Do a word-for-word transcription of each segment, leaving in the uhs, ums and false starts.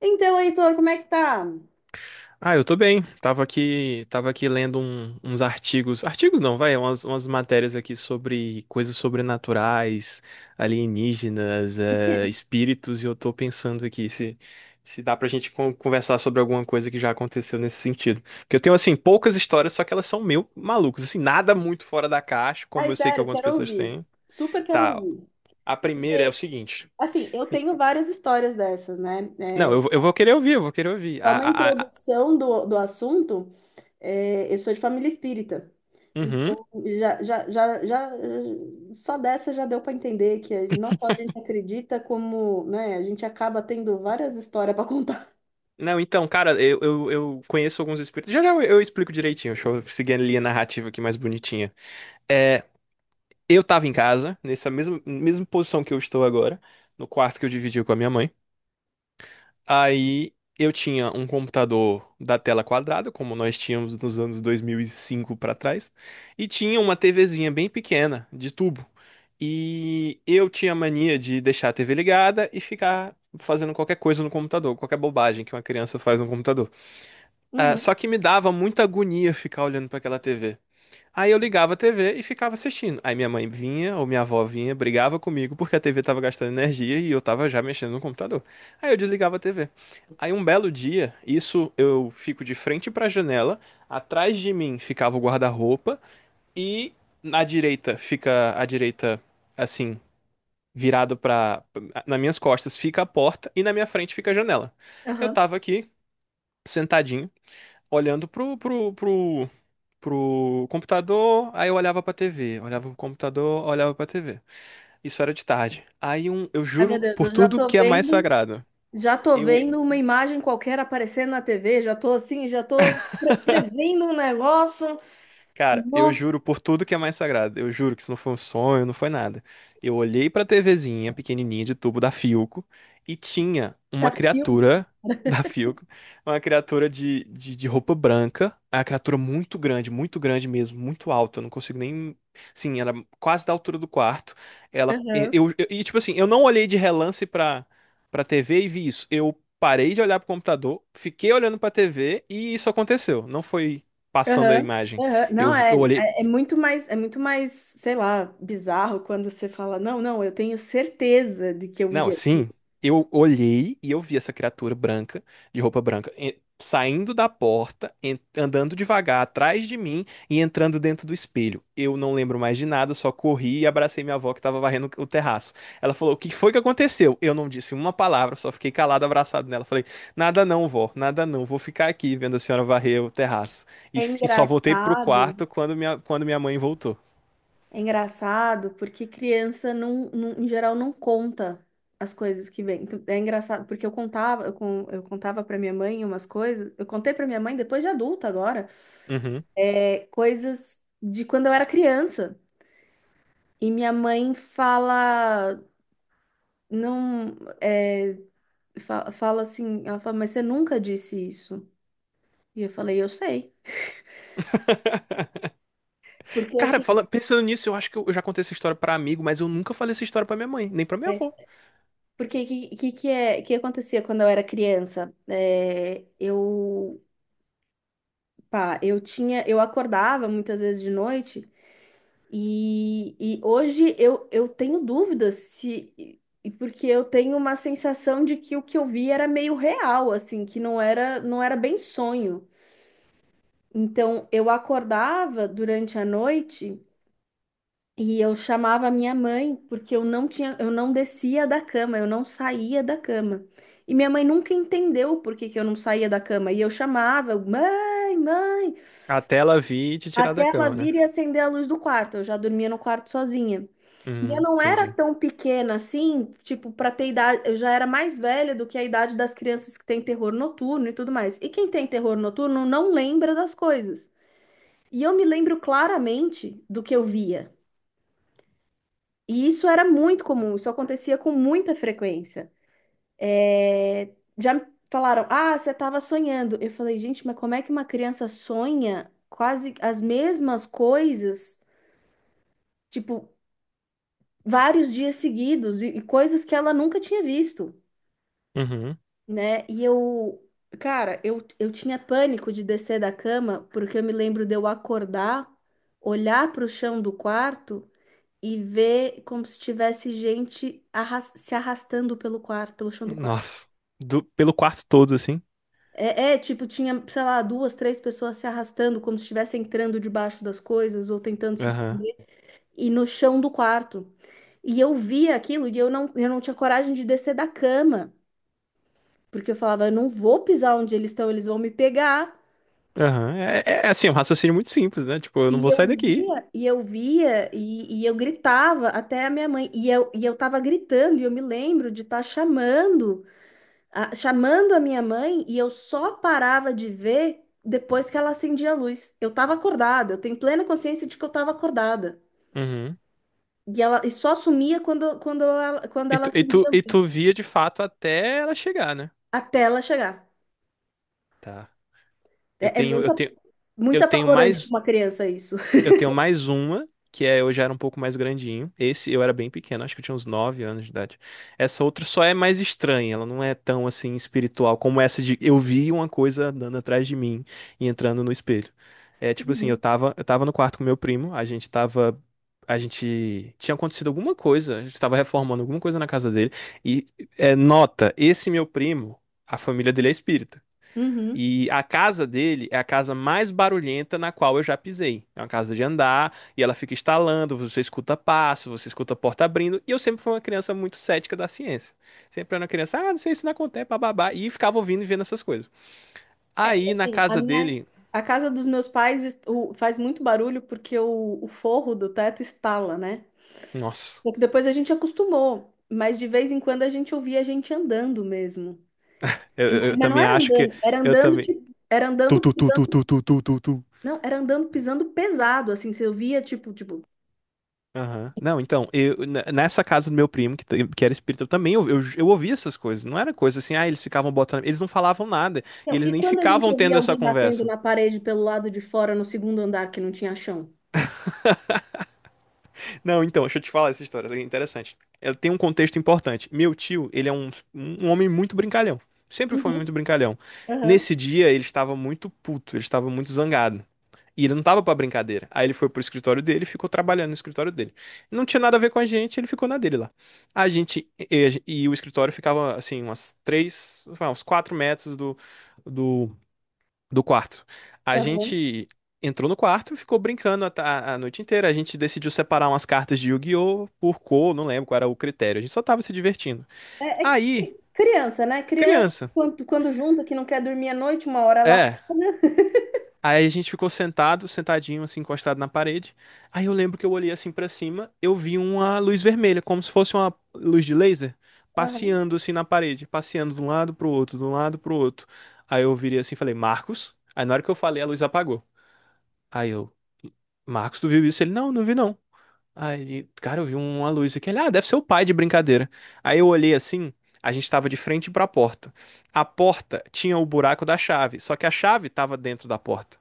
Então, Heitor, como é que tá? Ah, eu tô bem. Tava aqui, tava aqui lendo um- uns artigos. Artigos não, vai, umas, umas matérias aqui sobre coisas sobrenaturais, alienígenas, eh, espíritos, e eu tô pensando aqui se, se dá pra gente con- conversar sobre alguma coisa que já aconteceu nesse sentido. Porque eu tenho, assim, poucas histórias, só que elas são meio malucas. Assim, nada muito fora da caixa, Ai, como eu sei que sério, algumas quero pessoas ouvir. têm. Super quero Tá, ouvir. a primeira é o Porque, seguinte. assim, eu tenho várias histórias dessas, né? É, Não, eu, vou- eu vou querer ouvir, eu vou querer ouvir. só A, uma a, a- a- introdução do, do assunto, é, eu sou de família espírita. Uhum. Então, já, já, já, já, só dessa já deu para entender que não só a gente acredita, como, né, a gente acaba tendo várias histórias para contar. Não, então, cara, eu, eu, eu conheço alguns espíritos. Já já eu, eu explico direitinho. Deixa eu seguir a linha narrativa aqui mais bonitinha. É, eu tava em casa, nessa mesma, mesma posição que eu estou agora, no quarto que eu dividi com a minha mãe. Aí eu tinha um computador da tela quadrada, como nós tínhamos nos anos dois mil e cinco pra trás, e tinha uma TVzinha bem pequena, de tubo. E eu tinha mania de deixar a T V ligada e ficar fazendo qualquer coisa no computador, qualquer bobagem que uma criança faz no computador. Ah, Uhum, só que me dava muita agonia ficar olhando pra aquela T V. Aí eu ligava a T V e ficava assistindo. Aí minha mãe vinha, ou minha avó vinha, brigava comigo porque a T V tava gastando energia e eu tava já mexendo no computador. Aí eu desligava a T V. Aí um belo dia, isso eu fico de frente pra janela, atrás de mim ficava o guarda-roupa e na direita fica a direita assim, virado pra. Nas minhas costas fica a porta e na minha frente fica a janela. Eu aham. tava aqui sentadinho olhando pro, pro, pro, pro computador, aí eu olhava pra T V, olhava pro computador, olhava pra T V. Isso era de tarde. Aí um, eu Ai, meu juro Deus, por eu já tudo tô que é mais vendo. sagrado. Já tô Eu vendo uma imagem qualquer aparecendo na T V, já tô assim, já tô pre- prevendo um negócio. Cara, eu Nossa, juro por tudo que é mais sagrado. Eu juro que isso não foi um sonho, não foi nada. Eu olhei pra TVzinha pequenininha de tubo da Philco e tinha uma filme. criatura da Philco, uma criatura de, de, de roupa branca, uma criatura muito grande, muito grande mesmo, muito alta. Eu não consigo nem. Sim, era quase da altura do quarto. Ela. Aham, Eu, eu- e tipo assim, eu não olhei de relance pra, pra T V e vi isso. Eu parei de olhar pro computador, fiquei olhando pra T V e isso aconteceu. Não foi passando a aham, imagem. aham. Não, Eu, é, eu olhei. é, é muito mais, é muito mais, sei lá, bizarro quando você fala, não, não, eu tenho certeza de que eu vi. Não, sim. Eu olhei e eu vi essa criatura branca, de roupa branca, e- saindo da porta, en- andando devagar atrás de mim e entrando dentro do espelho. Eu não lembro mais de nada, só corri e abracei minha avó que estava varrendo o terraço. Ela falou: O que foi que aconteceu? Eu não disse uma palavra, só fiquei calado, abraçado nela. Falei: Nada não, vó, nada não. Vou ficar aqui vendo a senhora varrer o terraço. E, É f- e só voltei pro engraçado, quarto quando minha, quando minha mãe voltou. é engraçado porque criança não, não- em geral não conta as coisas que vem. Então, é engraçado porque eu contava, eu, con- eu contava para minha mãe umas coisas, eu contei para minha mãe depois de adulta agora. Uhum. É, coisas de quando eu era criança. E minha mãe fala, não, é, fa- fala assim, ela fala, mas você nunca disse isso. E eu falei, eu sei. Porque Cara, assim, fala- pensando nisso, eu acho que eu já contei essa história pra amigo, mas eu nunca falei essa história pra minha mãe, nem pra minha avó. porque que que, que é que acontecia quando eu era criança? É, eu, pá, eu tinha, eu acordava muitas vezes de noite. E, e hoje eu, eu tenho dúvidas se. E- porque eu tenho uma sensação de que o que eu vi era meio real, assim, que não era, não era bem sonho. Então eu acordava durante a noite e eu chamava a minha mãe, porque eu não tinha, eu não descia da cama, eu não saía da cama. E minha mãe nunca entendeu por que que eu não saía da cama. E eu chamava, mãe, mãe, Até ela vir e te tirar da até ela cama, né? vir e acender a luz do quarto. Eu já dormia no quarto sozinha. E eu Hum, não era entendi. tão pequena assim, tipo, pra ter idade, eu já era mais velha do que a idade das crianças que têm terror noturno e tudo mais. E quem tem terror noturno não lembra das coisas. E eu me lembro claramente do que eu via. E isso era muito comum, isso acontecia com muita frequência. É, já me falaram, ah, você estava sonhando. Eu falei, gente, mas como é que uma criança sonha quase as mesmas coisas, tipo, vários dias seguidos e e coisas que ela nunca tinha visto? Uhum. Né? E eu, cara, eu, eu tinha pânico de descer da cama, porque eu me lembro de eu acordar, olhar para o chão do quarto e ver como se tivesse gente arras- se arrastando pelo quarto, pelo chão do quarto. Nossa. Do- pelo quarto todo, assim. É, é, tipo, tinha, sei lá, duas, três pessoas se arrastando, como se estivesse entrando debaixo das coisas ou tentando se Aham. esconder, e no chão do quarto. E eu via aquilo e eu não, eu não tinha coragem de descer da cama, porque eu falava, eu não vou pisar onde eles estão, eles vão me pegar. Aham. É, é, assim, é um raciocínio muito simples, né? Tipo, eu não E vou eu sair daqui. via, e eu via, e, e eu gritava até a minha mãe. E eu, e eu tava gritando, e eu me lembro de estar chamando, a, chamando a minha mãe, e eu só parava de ver depois que ela acendia a luz. Eu tava acordada, eu tenho plena consciência de que eu tava acordada. Uhum. E ela e só sumia quando, quando ela, quando E ela tu, e acendia tu, a e luz, tu via de fato até ela chegar, né? até ela chegar. Tá. Eu É, é tenho, eu muito, tenho, muito eu tenho apavorante para mais. uma criança isso. Eu tenho mais uma, que é eu já era um pouco mais grandinho. Esse eu era bem pequeno, acho que eu tinha uns nove anos de idade. Essa outra só é mais estranha, ela não é tão assim espiritual como essa de eu vi uma coisa andando atrás de mim e entrando no espelho. É tipo assim, eu Uhum. tava, eu tava no quarto com meu primo, a gente tava. A gente tinha acontecido alguma coisa, a gente tava reformando alguma coisa na casa dele. E é, nota, esse meu primo, a família dele é espírita. Uhum. E a casa dele é a casa mais barulhenta na qual eu já pisei. É uma casa de andar e ela fica estalando, você escuta passo, você escuta porta abrindo. E eu sempre fui uma criança muito cética da ciência. Sempre era uma criança, ah, não sei, isso não acontece, bababá. E ficava ouvindo e vendo essas coisas. É, Aí é, na sim, a casa minha, dele, a casa dos meus pais est- o- faz muito barulho porque o, o forro do teto estala, né? nossa, Só que depois a gente acostumou, mas de vez em quando a gente ouvia a gente andando mesmo. eu, E- eu- mas eu não também era acho que andando, era eu andando, também. tipo, era Tu, andando tu, tu, tu, pisando, tu, tu, tu, tu, tu. não, era andando pisando pesado, assim, você ouvia tipo, tipo. Aham. Não, então, eu, n- nessa casa do meu primo, que, t- que era espírita, eu também eu, eu, eu ouvia essas coisas. Não era coisa assim, ah, eles ficavam botando. Eles não falavam nada. E Então, eles e nem quando a gente ficavam ouvia tendo essa alguém batendo conversa. na parede pelo lado de fora no segundo andar que não tinha chão? Não, então, deixa eu te falar essa história, é interessante. Ela tem um contexto importante. Meu tio, ele é um, um homem muito brincalhão. Sempre foi muito Uhum, brincalhão. aham, Nesse dia, ele estava muito puto, ele estava muito zangado. E ele não tava pra brincadeira. Aí ele foi pro escritório dele e ficou trabalhando no escritório dele. Não tinha nada a ver com a gente, ele ficou na dele lá. A gente. E, e o escritório ficava, assim, umas três, sei lá, uns quatro metros do, do do quarto. A aham. gente entrou no quarto, ficou brincando a, ta- a noite inteira. A gente decidiu separar umas cartas de Yu-Gi-Oh! Por cor, não lembro qual era o critério. A gente só tava se divertindo. É, é Aí, criança, né? Criança, criança, quando, quando junta, que não quer dormir à noite, uma hora ela apaga. é. Aí a gente ficou sentado, sentadinho, assim, encostado na parede. Aí eu lembro que eu olhei assim pra cima, eu vi uma luz vermelha, como se fosse uma luz de laser, Aham, passeando assim na parede, passeando de um lado pro outro, de um lado pro outro. Aí eu virei assim e falei, Marcos. Aí na hora que eu falei, a luz apagou. Aí eu, Marcos, tu viu isso? Ele, não, não vi não. Aí, ele- cara, eu vi uma luz aqui. Ele, ah, deve ser o pai de brincadeira. Aí eu olhei assim, a gente tava de frente pra porta. A porta tinha o buraco da chave, só que a chave tava dentro da porta.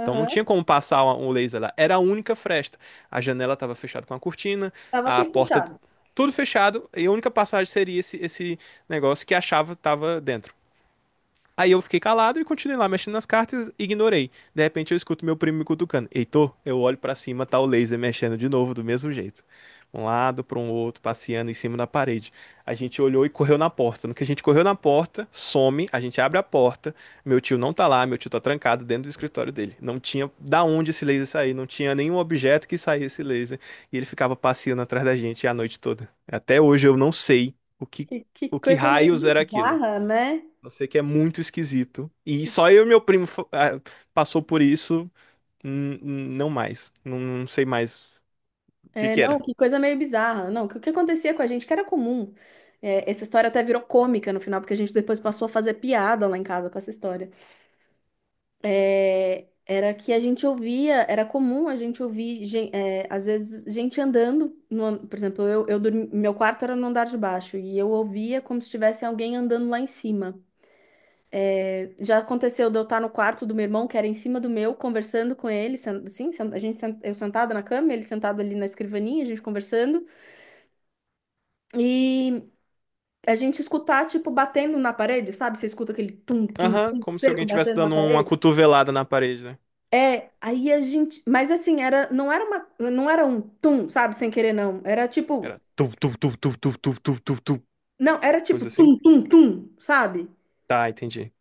Então não tinha como passar o laser lá. Era a única fresta. A janela tava fechada com a cortina, Tava a tudo porta, fechado. tudo fechado, e a única passagem seria esse, esse negócio que a chave tava dentro. Aí eu fiquei calado e continuei lá mexendo nas cartas, ignorei. De repente eu escuto meu primo me cutucando. Heitor, eu olho pra cima, tá o laser mexendo de novo, do mesmo jeito. Um lado pra um outro, passeando em cima da parede. A gente olhou e correu na porta. No que a gente correu na porta, some, a gente abre a porta. Meu tio não tá lá, meu tio tá trancado dentro do escritório dele. Não tinha da onde esse laser sair, não tinha nenhum objeto que saísse esse laser. E ele ficava passeando atrás da gente a noite toda. Até hoje eu não sei o que, Que, que o que coisa raios meio era aquilo. bizarra, né? Eu sei que é muito esquisito. E Que, só eu e meu primo fo- ah, passou por isso. Hum, hum. Não mais. Não, não sei mais o que é, que não, era. que coisa meio bizarra. Não, que o que acontecia com a gente, que era comum. É, essa história até virou cômica no final, porque a gente depois passou a fazer piada lá em casa com essa história. É, era que a gente ouvia, era comum a gente ouvir, gen- é, às vezes, gente andando. No an- Por exemplo, eu, eu dormi- meu quarto era no andar de baixo e eu ouvia como se tivesse alguém andando lá em cima. Já aconteceu de eu estar no quarto do meu irmão, que era em cima do meu, conversando com ele, sen- assim, sen- a gente, sen- eu sentada na cama, ele sentado ali na escrivaninha, a gente conversando, e a gente escutar, tipo, batendo na parede, sabe? Você escuta aquele tum, tum, Aham, tum como se seco alguém tivesse batendo na dando uma parede. cotovelada na parede, né? É, aí a gente, mas assim, era, não era uma, não era um tum, sabe, sem querer não. Era Era tipo, tu, tu, tu, tu, tu, tu, tu, tu, tu. não, era tipo Coisa assim. tum tum tum, sabe? Tá, entendi.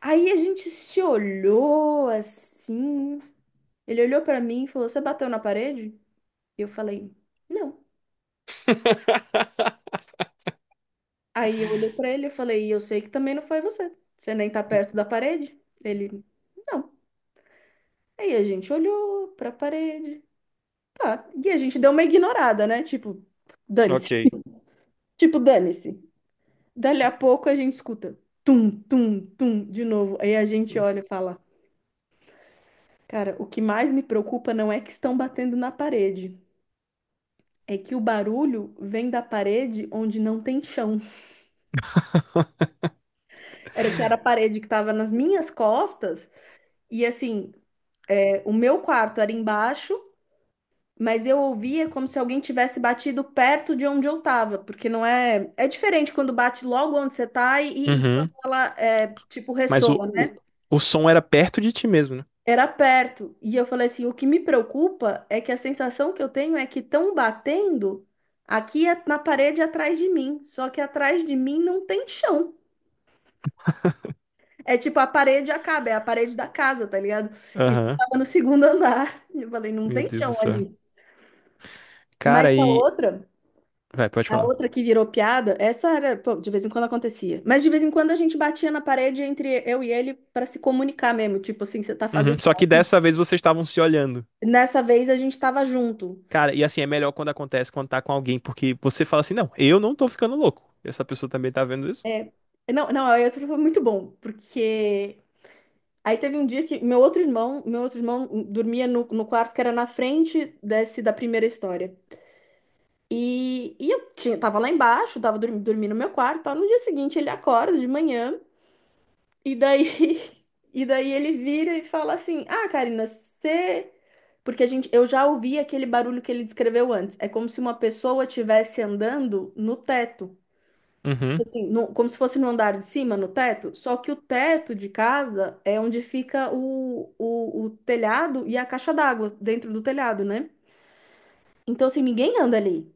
Aí a gente se olhou assim. Ele olhou pra mim e falou: "Você bateu na parede?" E eu falei: "Não". Aí eu olhei pra ele e falei: "E eu sei que também não foi você. Você nem tá perto da parede". Ele: "Não". Aí a gente olhou pra parede. Ah, e a gente deu uma ignorada, né? Tipo, dane-se. Ok. Tipo, dane-se. Dali a pouco a gente escuta tum, tum, tum de novo. Aí a gente olha e fala: cara, o que mais me preocupa não é que estão batendo na parede, é que o barulho vem da parede onde não tem chão. Era que era a parede que estava nas minhas costas, e assim, é, o meu quarto era embaixo. Mas eu ouvia como se alguém tivesse batido perto de onde eu estava, porque não é. É diferente quando bate logo onde você está e, e quando Uhum. ela, é, tipo, Mas o, ressoa, o, né? o som era perto de ti mesmo, né? Era perto. E eu falei assim: o que me preocupa é que a sensação que eu tenho é que estão batendo aqui a- na parede atrás de mim. Só que atrás de mim não tem chão. É tipo, a parede acaba, é a parede da casa, tá ligado? E a gente Aham. tava no segundo andar. Eu falei, não Meu tem Deus chão do céu. ali. Mas Cara, a e. outra, Vai, pode a falar. outra que virou piada, essa era, pô, de vez em quando acontecia. Mas de vez em quando a gente batia na parede entre eu e ele para se comunicar mesmo. Tipo assim, você tá Uhum. fazendo. Só que dessa vez vocês estavam se olhando. Nessa vez a gente tava junto. Cara, e assim, é melhor quando acontece, quando tá com alguém, porque você fala assim, não, eu não tô ficando louco. Essa pessoa também tá vendo isso? É, não, não, aí outro foi muito bom, porque aí teve um dia que meu outro irmão, meu outro irmão dormia no, no quarto que era na frente desse da primeira história. E, e eu tinha, tava lá embaixo, tava dormindo, dormindo no meu quarto, tal. No dia seguinte ele acorda de manhã e daí e daí ele vira e fala assim: "Ah, Karina, você porque a gente, eu já ouvi aquele barulho que ele descreveu antes. É como se uma pessoa estivesse andando no teto. Tipo Uhum. assim, no- como se fosse no andar de cima, no teto, só que o teto de casa é onde fica o, o, o telhado e a caixa d'água dentro do telhado, né? Então, assim, ninguém anda ali,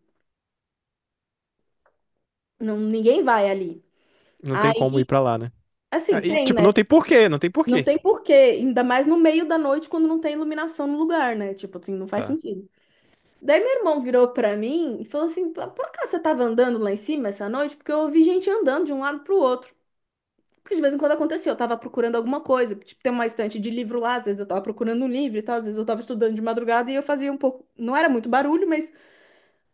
não, ninguém vai ali. Não tem Aí, como ir pra lá, né? assim, Aí, tem, tipo, não né? tem porquê, não tem Não porquê. tem porquê, ainda mais no meio da noite quando não tem iluminação no lugar, né? Tipo assim, não faz Tá. sentido. Daí meu irmão virou pra mim e falou assim: "Por acaso você tava andando lá em cima essa noite? Porque eu ouvi gente andando de um lado pro outro. Porque de vez em quando acontecia, eu tava procurando alguma coisa, tipo, tem uma estante de livro lá, às vezes eu tava procurando um livro e tal, às vezes eu tava estudando de madrugada e eu fazia um pouco, não era muito barulho, mas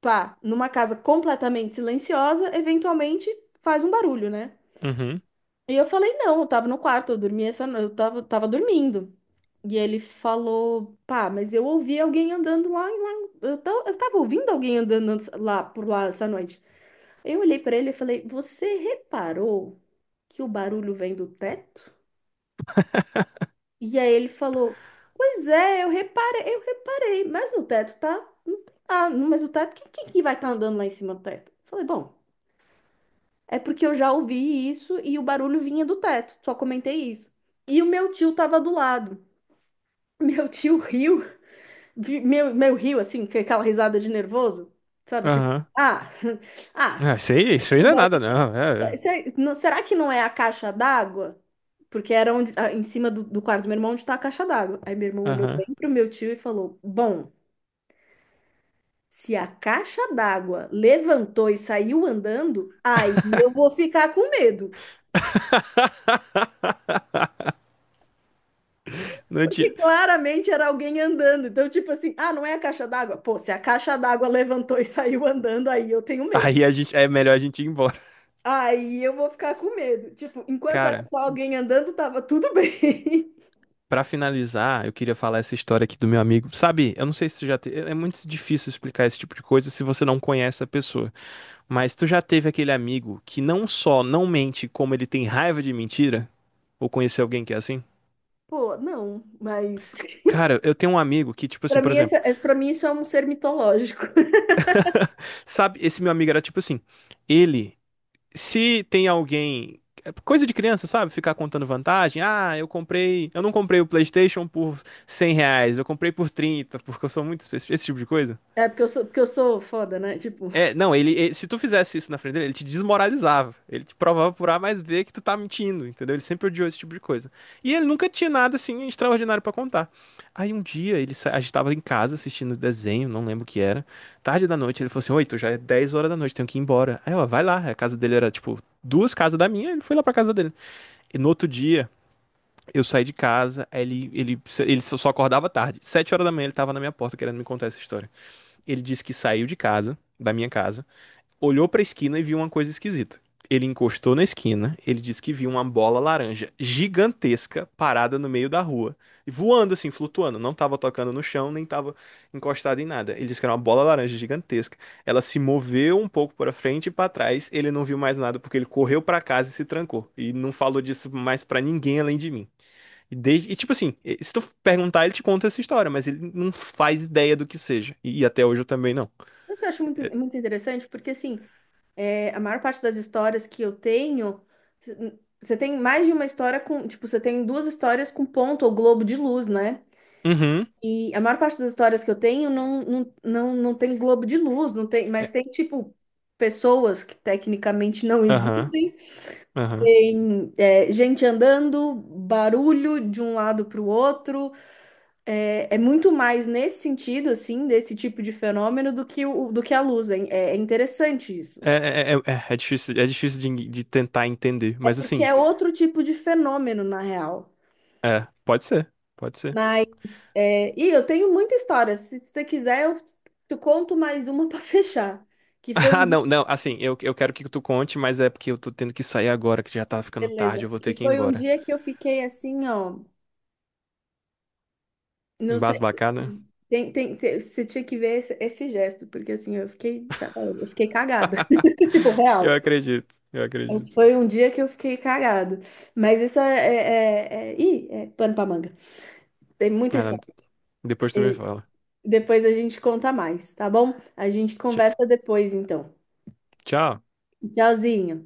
pá, numa casa completamente silenciosa, eventualmente faz um barulho, né? Uhum. E eu falei, não, eu tava no quarto, eu dormia essa no- eu tava, tava dormindo. E ele falou, pá, mas eu ouvi alguém andando lá, em lá eu, ta- eu tava ouvindo alguém andando lá por lá essa noite. Eu olhei pra ele e falei, você reparou que o barulho vem do teto? E aí ele falou: pois é, eu reparei, eu reparei, mas no teto tá. Não tem nada. No- mas o teto, quem, quem que vai estar andando lá em cima do teto? Eu falei, bom, é porque eu já ouvi isso e o barulho vinha do teto, só comentei isso. E o meu tio tava do lado. Meu tio riu, vi- meu, meu riu assim, com aquela risada de nervoso, sabe? Tipo, Aham. ah, ah, Ah, isso aí, isso aí não é nada, não. É, é. se- não- será que não é a caixa d'água? Porque era onde, ah, em cima do, do quarto do meu irmão onde tá a caixa d'água. Aí meu irmão olhou Aham. bem pro meu tio e falou: bom. Se a caixa d'água levantou e saiu andando, aí eu vou ficar com medo. Não Porque tinha. claramente era alguém andando. Então, tipo assim, ah, não é a caixa d'água? Pô, se a caixa d'água levantou e saiu andando, aí eu tenho medo. Aí a gente, é melhor a gente ir embora. Aí eu vou ficar com medo. Tipo, enquanto era Cara, só alguém andando, tava tudo bem. pra finalizar, eu queria falar essa história aqui do meu amigo. Sabe, eu não sei se você já te... É é muito difícil explicar esse tipo de coisa se você não conhece a pessoa. Mas tu já teve aquele amigo que não só não mente, como ele tem raiva de mentira? Ou conhecer alguém que é assim? Pô, não, mas. Cara, eu tenho um amigo que, tipo assim, Para por mim, esse, exemplo, é- pra mim, isso é um ser mitológico. sabe, esse meu amigo era tipo assim, ele, se tem alguém, é coisa de criança, sabe, ficar contando vantagem, ah, eu comprei, eu não comprei o PlayStation por cem reais, eu comprei por trinta porque eu sou muito, espe- esse tipo de coisa. É porque eu sou, porque eu sou foda, né? Tipo, É, não, ele, ele- se tu fizesse isso na frente dele, ele te desmoralizava. Ele te provava por A mais B que tu tá mentindo, entendeu? Ele sempre odiou esse tipo de coisa. E ele nunca tinha nada assim extraordinário pra contar. Aí um dia ele sa- a gente tava em casa assistindo desenho, não lembro o que era. Tarde da noite, ele falou assim: "Oi, tu já é dez horas da noite, tenho que ir embora". Aí, ó, vai lá. A casa dele era tipo duas casas da minha, ele foi lá pra casa dele. E no outro dia, eu saí de casa, aí ele ele ele só só acordava tarde. Sete horas da manhã ele tava na minha porta querendo me contar essa história. Ele disse que saiu de casa, da minha casa olhou pra esquina e viu uma coisa esquisita. Ele encostou na esquina, ele disse que viu uma bola laranja gigantesca parada no meio da rua, voando assim, flutuando, não tava tocando no chão, nem tava encostada em nada. Ele disse que era uma bola laranja gigantesca. Ela se moveu um pouco para frente e para trás, ele não viu mais nada porque ele correu para casa e se trancou e não falou disso mais para ninguém além de mim. E, desde, e tipo assim, se tu perguntar, ele te conta essa história, mas ele não faz ideia do que seja. E, e até hoje eu também não. o que eu acho muito, muito interessante, porque assim, é, a maior parte das histórias que eu tenho, c- você tem mais de uma história com, tipo, você tem duas histórias com ponto ou globo de luz, né? Uhum. E a maior parte das histórias que eu tenho não, não, não, não tem globo de luz, não tem, É, mas tem, tipo, pessoas que tecnicamente não Aham. existem, Aham. tem, é, gente andando, barulho de um lado para o outro. É, é muito mais nesse sentido, assim, desse tipo de fenômeno do que, o, do que a luz. É, é interessante isso. É, é, é, é- é difícil, é difícil de, de tentar entender, É mas porque assim, é outro tipo de fenômeno, na real. é, pode ser, pode ser. Mas, é, e eu tenho muita história. Se você quiser, eu te conto mais uma para fechar. Que foi um Ah, dia, não, não, assim, eu, eu quero que tu conte, mas é porque eu tô tendo que sair agora, que já tá ficando tarde, beleza. eu vou Que ter que ir foi um embora. dia que eu fiquei assim, ó. Não sei. Embasbacada? Assim, tem, tem, tem- você tinha que ver esse, esse gesto, porque assim, eu fiquei, eu fiquei cagada. Tipo, real. Eu acredito, eu acredito. Foi um dia que eu fiquei cagado. Mas isso é, é, é, é, ih, é pano pra manga. Tem muita Ah, não, história. depois tu me fala. Depois a gente conta mais, tá bom? A gente Tch- conversa depois, então. Tchau. Tchauzinho.